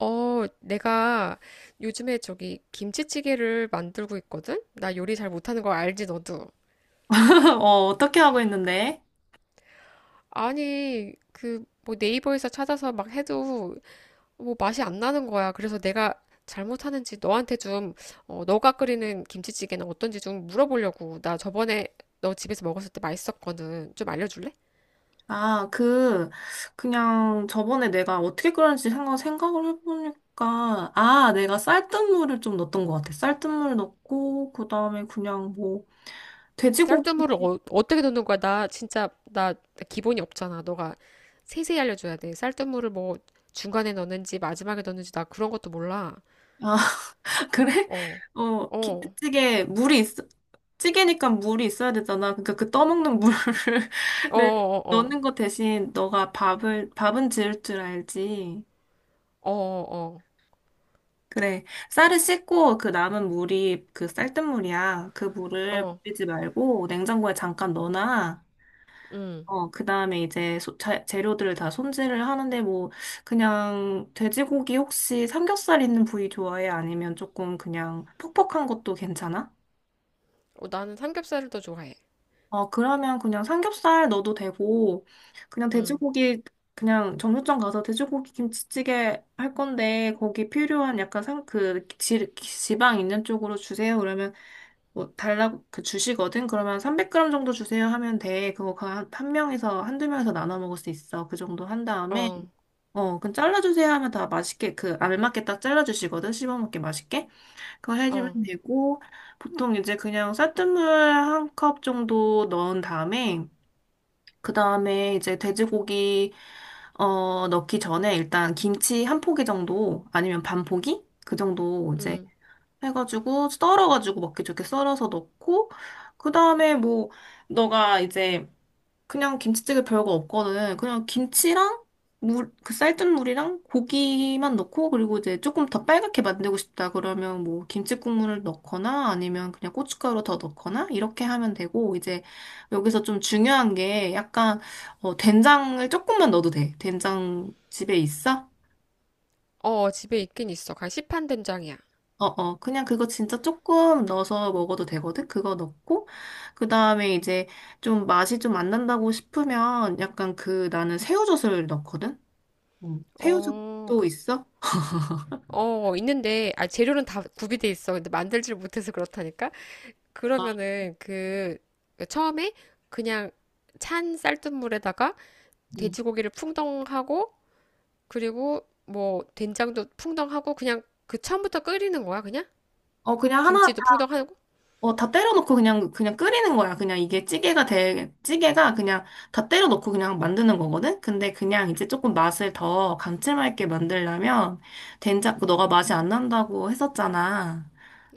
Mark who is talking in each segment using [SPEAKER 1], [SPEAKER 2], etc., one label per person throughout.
[SPEAKER 1] 어, 내가 요즘에 저기 김치찌개를 만들고 있거든? 나 요리 잘 못하는 거 알지, 너도?
[SPEAKER 2] 어, 어떻게 하고 있는데?
[SPEAKER 1] 아니, 그, 뭐 네이버에서 찾아서 막 해도 뭐 맛이 안 나는 거야. 그래서 내가 잘못하는지 너한테 좀, 어, 너가 끓이는 김치찌개는 어떤지 좀 물어보려고. 나 저번에 너 집에서 먹었을 때 맛있었거든. 좀 알려줄래?
[SPEAKER 2] 아, 그, 그냥 저번에 내가 어떻게 끓였는지 생각을 해보니까, 아, 내가 쌀뜨물을 좀 넣었던 것 같아. 쌀뜨물 넣고, 그 다음에
[SPEAKER 1] 쌀뜨물을
[SPEAKER 2] 돼지고기.
[SPEAKER 1] 어, 떻게 넣는 거야? 나 진짜 나나 기본이 없잖아. 너가 세세히 알려줘야 돼. 쌀뜨물을 뭐 중간에 넣는지 마지막에 넣는지 나 그런 것도 몰라.
[SPEAKER 2] 아, 그래?
[SPEAKER 1] 어,
[SPEAKER 2] 어,
[SPEAKER 1] 어,
[SPEAKER 2] 김치찌개, 물이 있, 찌개니까 물이 있어야 되잖아. 그러니까 그 떠먹는 물을
[SPEAKER 1] 어, 어, 어,
[SPEAKER 2] 넣는 거 대신 너가 밥은 지을 줄 알지.
[SPEAKER 1] 어, 어,
[SPEAKER 2] 그래. 쌀을 씻고 그 남은 물이 그 쌀뜨물이야. 그
[SPEAKER 1] 어,
[SPEAKER 2] 물을
[SPEAKER 1] 어,
[SPEAKER 2] 버리지 말고 냉장고에 잠깐 넣어놔.
[SPEAKER 1] 음.
[SPEAKER 2] 어, 그 다음에 이제 재료들을 다 손질을 하는데 그냥 돼지고기 혹시 삼겹살 있는 부위 좋아해? 아니면 조금 그냥 퍽퍽한 것도 괜찮아?
[SPEAKER 1] 어, 나는 삼겹살을 더 좋아해.
[SPEAKER 2] 어, 그러면 그냥 삼겹살 넣어도 되고, 그냥
[SPEAKER 1] 음,
[SPEAKER 2] 돼지고기, 그냥 정육점 가서 돼지고기 김치찌개 할 건데, 거기 필요한 약간 지방 있는 쪽으로 주세요. 그러면, 주시거든? 그러면 300g 정도 주세요 하면 돼. 그거 한 명에서, 한두 명에서 나눠 먹을 수 있어. 그 정도 한 다음에,
[SPEAKER 1] 어,
[SPEAKER 2] 어, 그럼 잘라주세요 하면 다 맛있게, 그, 알맞게 딱 잘라주시거든? 씹어 먹기 맛있게? 그거
[SPEAKER 1] 어,
[SPEAKER 2] 해주면 되고, 보통 이제 그냥 쌀뜨물 한 컵 정도 넣은 다음에, 그 다음에 이제 돼지고기, 어, 넣기 전에 일단 김치 한 포기 정도, 아니면 반 포기? 그 정도 이제
[SPEAKER 1] 음.
[SPEAKER 2] 해가지고, 썰어가지고 먹기 좋게 썰어서 넣고, 그 다음에 뭐, 너가 이제 그냥 김치찌개 별거 없거든. 그냥 김치랑 물, 그 쌀뜨물 물이랑 고기만 넣고 그리고 이제 조금 더 빨갛게 만들고 싶다 그러면 뭐 김치 국물을 넣거나 아니면 그냥 고춧가루 더 넣거나 이렇게 하면 되고 이제 여기서 좀 중요한 게 약간 어, 된장을 조금만 넣어도 돼. 된장 집에 있어?
[SPEAKER 1] 어, 집에 있긴 있어. 가 시판 된장이야.
[SPEAKER 2] 어어 그냥 그거 진짜 조금 넣어서 먹어도 되거든. 그거 넣고 그 다음에 이제 좀 맛이 좀 안 난다고 싶으면 약간 그 나는 새우젓을 넣거든. 태
[SPEAKER 1] 어,
[SPEAKER 2] 새우젓도
[SPEAKER 1] 그,
[SPEAKER 2] 있어?
[SPEAKER 1] 어, 있는데, 아, 재료는 다 구비돼 있어. 근데 만들질 못해서 그렇다니까? 그러면은 그 처음에 그냥 찬 쌀뜨물에다가
[SPEAKER 2] 음.
[SPEAKER 1] 돼지고기를 풍덩하고 그리고 뭐 된장도 풍덩하고 그냥 그 처음부터 끓이는 거야 그냥?
[SPEAKER 2] 어,
[SPEAKER 1] 김치도 풍덩하고
[SPEAKER 2] 어, 다 때려놓고 그냥 끓이는 거야. 그냥 이게 찌개가 그냥 다 때려놓고 그냥 만드는 거거든? 근데 그냥 이제 조금 맛을 더 감칠맛 있게 만들려면 된장, 그 너가 맛이 안 난다고 했었잖아.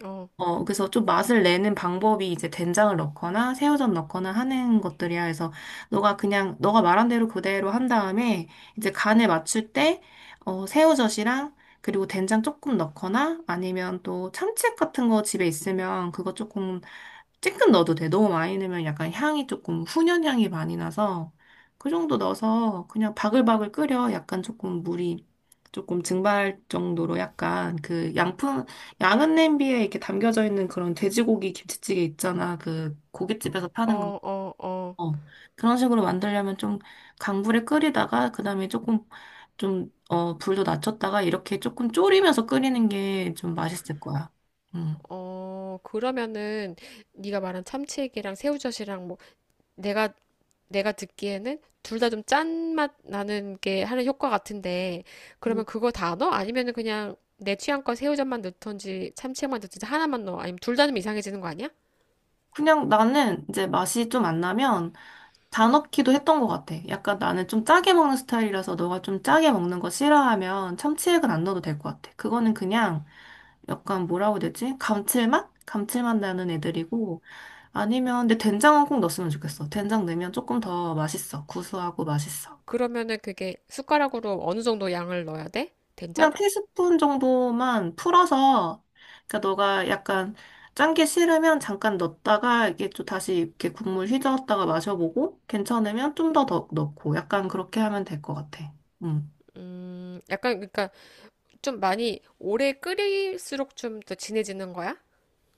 [SPEAKER 1] 어,
[SPEAKER 2] 어, 그래서 좀 맛을 내는 방법이 이제 된장을 넣거나 새우젓 넣거나 하는 것들이야. 그래서 너가 말한 대로 그대로 한 다음에 이제 간을 맞출 때 어, 새우젓이랑 그리고 된장 조금 넣거나 아니면 또 참치액 같은 거 집에 있으면 그거 조금 찔끔 넣어도 돼. 너무 많이 넣으면 약간 향이 조금 훈연 향이 많이 나서 그 정도 넣어서 그냥 바글바글 끓여. 약간 조금 물이 조금 증발 정도로 약간 그 양은 냄비에 이렇게 담겨져 있는 그런 돼지고기 김치찌개 있잖아. 그 고깃집에서
[SPEAKER 1] 어,
[SPEAKER 2] 파는 거.
[SPEAKER 1] 어, 어,
[SPEAKER 2] 어. 그런 식으로 만들려면 좀 강불에 끓이다가 그다음에 조금 좀 어, 불도 낮췄다가 이렇게 조금 졸이면서 끓이는 게 좀 맛있을 거야. 음.
[SPEAKER 1] 어. 그러면은 네가 말한 참치액이랑 새우젓이랑 뭐 내가 내가 듣기에는 둘 다 좀 짠 맛 나는 게 하는 효과 같은데,
[SPEAKER 2] 음.
[SPEAKER 1] 그러면 그거 다 넣어? 아니면은 그냥 내 취향껏 새우젓만 넣던지 참치액만 넣던지 하나만 넣어? 아니면 둘 다 좀 이상해지는 거 아니야?
[SPEAKER 2] 그냥 나는 이제 맛이 좀 안 나면 다 넣기도 했던 것 같아. 약간 나는 좀 짜게 먹는 스타일이라서 너가 좀 짜게 먹는 거 싫어하면 참치액은 안 넣어도 될 것 같아. 그거는 그냥 약간 뭐라고 해야 되지? 감칠맛? 감칠맛 나는 애들이고, 아니면, 근데 된장은 꼭 넣었으면 좋겠어. 된장 넣으면 조금 더 맛있어. 구수하고 맛있어.
[SPEAKER 1] 그러면은 그게 숟가락으로 어느 정도 양을 넣어야 돼?
[SPEAKER 2] 그냥
[SPEAKER 1] 된장?
[SPEAKER 2] 티스푼 정도만 풀어서, 그러니까 너가 약간 짠 게 싫으면 잠깐 넣었다가 이게 또 다시 이렇게 국물 휘저었다가 마셔보고, 괜찮으면 더 넣고, 약간 그렇게 하면 될 것 같아. 응.
[SPEAKER 1] 약간 그러니까 좀 많이 오래 끓일수록 좀 더 진해지는 거야?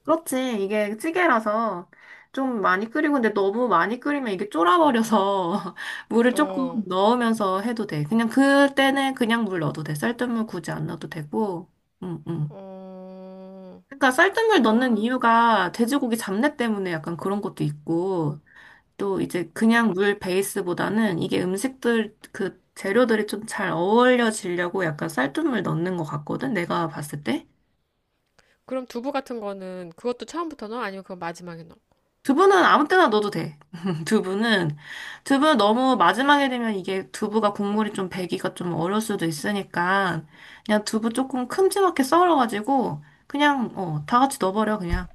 [SPEAKER 2] 그렇지. 이게 찌개라서 좀 많이 끓이고, 근데 너무 많이 끓이면 이게 쫄아버려서 물을 조금
[SPEAKER 1] 어,
[SPEAKER 2] 넣으면서 해도 돼. 그냥 그때는 그냥 물 넣어도 돼. 쌀뜨물 굳이 안 넣어도 되고. 응, 응.
[SPEAKER 1] 어,
[SPEAKER 2] 그러니까 쌀뜨물 넣는
[SPEAKER 1] 아,
[SPEAKER 2] 이유가 돼지고기 잡내 때문에 약간 그런 것도 있고, 또 이제 그냥 물 베이스보다는 이게 음식들 그 재료들이 좀 잘 어울려지려고 약간 쌀뜨물 넣는 것 같거든. 내가 봤을 때.
[SPEAKER 1] 그럼 두부 같은 거는 그것도 처음부터 넣어? 아니면 그거 마지막에 넣어?
[SPEAKER 2] 두부는 아무 때나 넣어도 돼. 두부는, 두부 너무 마지막에 되면 이게 두부가 국물이 좀 배기가 좀 어려울 수도 있으니까, 그냥 두부 조금 큼지막하게 썰어가지고, 그냥, 어, 다 같이 넣어버려, 그냥.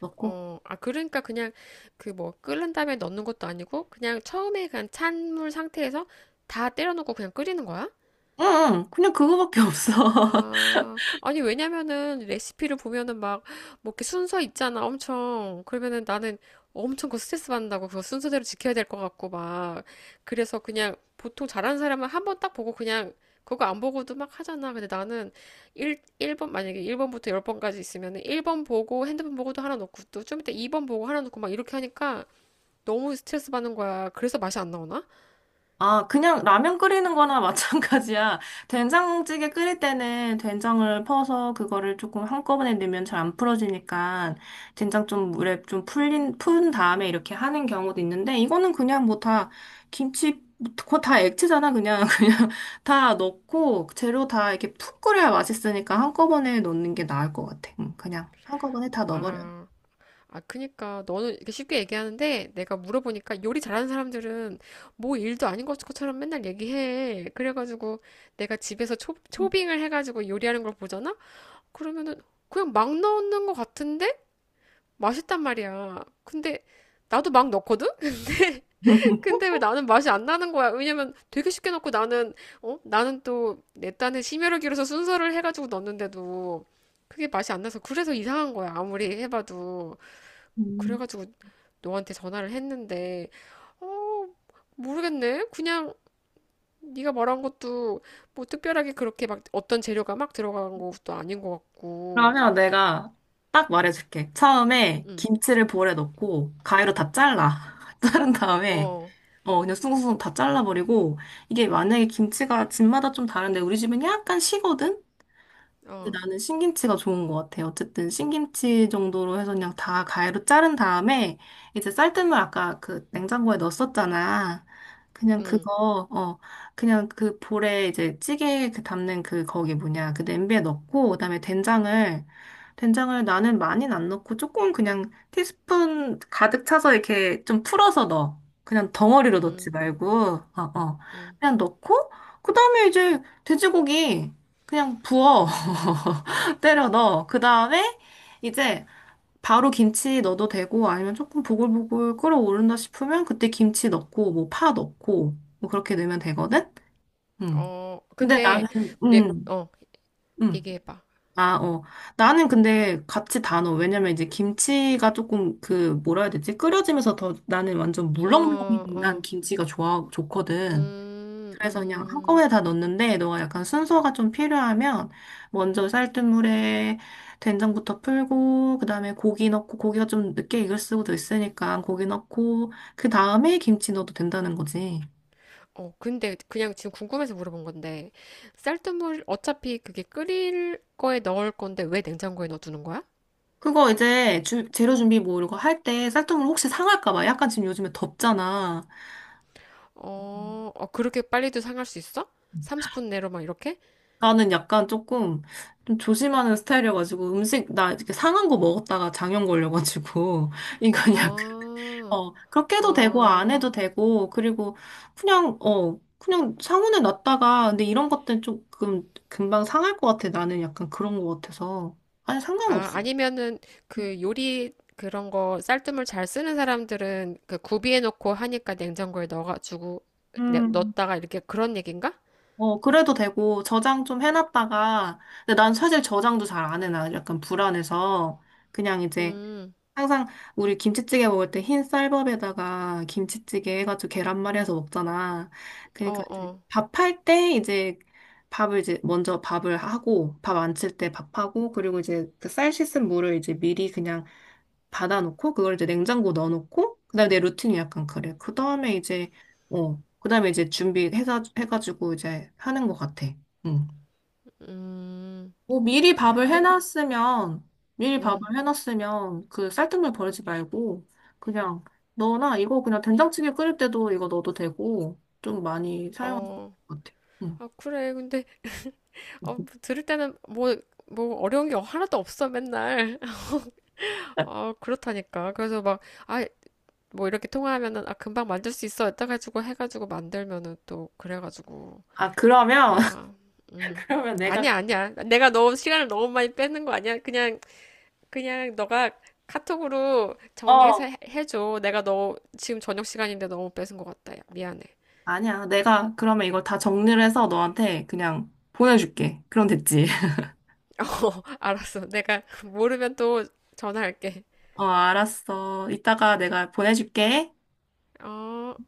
[SPEAKER 2] 넣고.
[SPEAKER 1] 어, 아, 그러니까 그냥 그 뭐 끓는 다음에 넣는 것도 아니고 그냥 처음에 그냥 찬물 상태에서 다 때려 넣고 그냥 끓이는 거야?
[SPEAKER 2] 응, 응, 그냥 그거밖에 없어.
[SPEAKER 1] 아, 아니, 왜냐면은 레시피를 보면은 막, 뭐 이렇게 순서 있잖아, 엄청. 그러면은 나는 엄청 그거 스트레스 받는다고, 그거 순서대로 지켜야 될 것 같고, 막. 그래서 그냥 보통 잘하는 사람은 한번 딱 보고 그냥 그거 안 보고도 막 하잖아. 근데 나는 1, 일번 만약에 1번부터 10번까지 있으면은 1번 보고 핸드폰 보고도 하나 놓고 또 좀 이따 2번 보고 하나 놓고 막 이렇게 하니까 너무 스트레스 받는 거야. 그래서 맛이 안 나오나?
[SPEAKER 2] 아, 그냥 라면 끓이는 거나 마찬가지야. 된장찌개 끓일 때는 된장을 퍼서 그거를 조금 한꺼번에 넣으면 잘 안 풀어지니까 된장 좀 물에 좀 푼 다음에 이렇게 하는 경우도 있는데 이거는 그냥 뭐 김치, 그거 다 액체잖아. 그냥, 그냥 다 넣고 재료 다 이렇게 푹 끓여야 맛있으니까 한꺼번에 넣는 게 나을 것 같아. 응, 그냥 한꺼번에 다 넣어버려. 요
[SPEAKER 1] 아. 아, 그니까 너는 이렇게 쉽게 얘기하는데 내가 물어보니까 요리 잘하는 사람들은 뭐 일도 아닌 것처럼 맨날 얘기해. 그래가지고 내가 집에서 초빙을 해가지고 요리하는 걸 보잖아? 그러면은 그냥 막 넣는 것 같은데 맛있단 말이야. 근데 나도 막 넣거든? 근데 왜 나는 맛이 안 나는 거야? 왜냐면 되게 쉽게 넣고 나는, 어? 나는 또 내 딴에 심혈을 기울여서 순서를 해가지고 넣었는데도 그게 맛이 안 나서 그래서 이상한 거야. 아무리 해봐도. 그래가지고 너한테 전화를 했는데, 어, 모르겠네. 그냥 네가 말한 것도 뭐 특별하게 그렇게 막 어떤 재료가 막 들어간 것도 아닌 것 같고.
[SPEAKER 2] 그러면 내가 딱 말해줄게. 처음에
[SPEAKER 1] 응,
[SPEAKER 2] 김치를 볼에 넣고 가위로 다 잘라. 자른 다음에
[SPEAKER 1] 어,
[SPEAKER 2] 어 그냥 숭숭숭 다 잘라버리고 이게 만약에 김치가 집마다 좀 다른데 우리 집은 약간 시거든? 근데
[SPEAKER 1] 어,
[SPEAKER 2] 나는 신김치가 좋은 것 같아. 어쨌든 신김치 정도로 해서 그냥 다 가위로 자른 다음에 이제 쌀뜨물 아까 그 냉장고에 넣었었잖아. 그냥
[SPEAKER 1] 응,
[SPEAKER 2] 그거 어 그냥 그 볼에 이제 찌개 그 담는 그 거기 뭐냐 그 냄비에 넣고 그다음에 된장을 나는 많이는 안 넣고 조금 그냥 티스푼 가득 차서 이렇게 좀 풀어서 넣어. 그냥 덩어리로 넣지
[SPEAKER 1] 응,
[SPEAKER 2] 말고 어. 그냥 넣고 그다음에 이제 돼지고기 그냥 부어. 때려 넣어. 그 다음에 이제 바로 김치 넣어도 되고 아니면 조금 보글보글 끓어오른다 싶으면 그때 김치 넣고 뭐 파 넣고 뭐 그렇게 넣으면 되거든? 음.
[SPEAKER 1] 어.
[SPEAKER 2] 근데 나는,
[SPEAKER 1] 근데 내,
[SPEAKER 2] 음,
[SPEAKER 1] 어,
[SPEAKER 2] 음.
[SPEAKER 1] 얘기해봐.
[SPEAKER 2] 아, 어. 나는 근데 같이 다 넣어. 왜냐면 이제 김치가 조금 그 뭐라 해야 되지? 끓여지면서 더 나는 완전
[SPEAKER 1] 어,
[SPEAKER 2] 물렁물렁한
[SPEAKER 1] 어,
[SPEAKER 2] 김치가 좋거든.
[SPEAKER 1] 음,
[SPEAKER 2] 그래서 그냥
[SPEAKER 1] 음.
[SPEAKER 2] 한꺼번에 다 넣는데 너가 약간 순서가 좀 필요하면 먼저 쌀뜨물에 된장부터 풀고 그다음에 고기 넣고 고기가 좀 늦게 익을 수도 있으니까 고기 넣고 그 다음에 김치 넣어도 된다는 거지.
[SPEAKER 1] 어, 근데 그냥 지금 궁금해서 물어본 건데, 쌀뜨물 어차피 그게 끓일 거에 넣을 건데 왜 냉장고에 넣어두는 거야?
[SPEAKER 2] 그거 이제 재료 준비 뭐 이런 거 할 때 쌀뜨물 혹시 상할까 봐 약간 지금 요즘에 덥잖아. 음.
[SPEAKER 1] 어, 어, 그렇게 빨리도 상할 수 있어? 30분 내로 막 이렇게?
[SPEAKER 2] 나는 약간 조금 좀 조심하는 스타일이어가지고 음식 나 이렇게 상한 거 먹었다가 장염 걸려가지고 이건
[SPEAKER 1] 아,
[SPEAKER 2] 어, 그렇게 해도 되고, 안 해도
[SPEAKER 1] 어,
[SPEAKER 2] 되고, 그리고 그냥, 어, 그냥 상온에 놨다가, 근데 이런 것들은 조금 금방 상할 것 같아. 나는 약간 그런 것 같아서. 아니,
[SPEAKER 1] 아,
[SPEAKER 2] 상관없어.
[SPEAKER 1] 아니면은 그 요리 그런 거 쌀뜨물 잘 쓰는 사람들은 그 구비해 놓고 하니까 냉장고에 넣어가지고
[SPEAKER 2] 음.
[SPEAKER 1] 넣었다가 이렇게 그런 얘긴가?
[SPEAKER 2] 어, 그래도 되고, 저장 좀 해놨다가, 근데 난 사실 저장도 잘 안 해놔. 약간 불안해서. 그냥 이제
[SPEAKER 1] 음,
[SPEAKER 2] 항상 우리 김치찌개 먹을 때 흰 쌀밥에다가 김치찌개 해가지고 계란말이 해서 먹잖아.
[SPEAKER 1] 어,
[SPEAKER 2] 그러니까 이제
[SPEAKER 1] 어,
[SPEAKER 2] 밥할 때 이제 밥을 이제 먼저 밥을 하고 밥 안칠 때 밥하고 그리고 이제 그 쌀 씻은 물을 이제 미리 그냥 받아놓고 그걸 이제 냉장고 넣어놓고 그다음에 내 루틴이 약간 그래. 그다음에 이제 어 그다음에 이제 준비해서 해가지고 이제 하는 것 같아. 응.
[SPEAKER 1] 음,
[SPEAKER 2] 뭐 미리
[SPEAKER 1] 아,
[SPEAKER 2] 밥을
[SPEAKER 1] 그래,
[SPEAKER 2] 해놨으면, 미리
[SPEAKER 1] 음,
[SPEAKER 2] 밥을 해놨으면 그 쌀뜨물 버리지 말고, 그냥 너나 이거 그냥 된장찌개 끓일 때도 이거 넣어도 되고, 좀 많이 사용할 수 있을
[SPEAKER 1] 어,
[SPEAKER 2] 것 같아. 응.
[SPEAKER 1] 아, 그래. 근데 어, 들을 때는 뭐, 뭐 어려운 게 하나도 없어 맨날. 어, 그렇다니까. 그래서 막 아, 뭐 이렇게 통화하면은 아 금방 만들 수 있어 이따가지고 해가지고 만들면은 또 그래가지고,
[SPEAKER 2] 아, 그러면,
[SPEAKER 1] 아, 음,
[SPEAKER 2] 그러면 내가,
[SPEAKER 1] 아니야 아니야 내가 너무 시간을 너무 많이 뺏는 거 아니야, 그냥 그냥 너가 카톡으로 정리해서
[SPEAKER 2] 어,
[SPEAKER 1] 해줘. 내가 너 지금 저녁 시간인데 너무 뺏은 것 같다, 야 미안해.
[SPEAKER 2] 아니야. 내가 그러면 이걸 다 정리를 해서 너한테 그냥 보내줄게. 그럼 됐지.
[SPEAKER 1] 어, 알았어. 내가 모르면 또 전화할게.
[SPEAKER 2] 어, 알았어. 이따가 내가 보내줄게.
[SPEAKER 1] 어.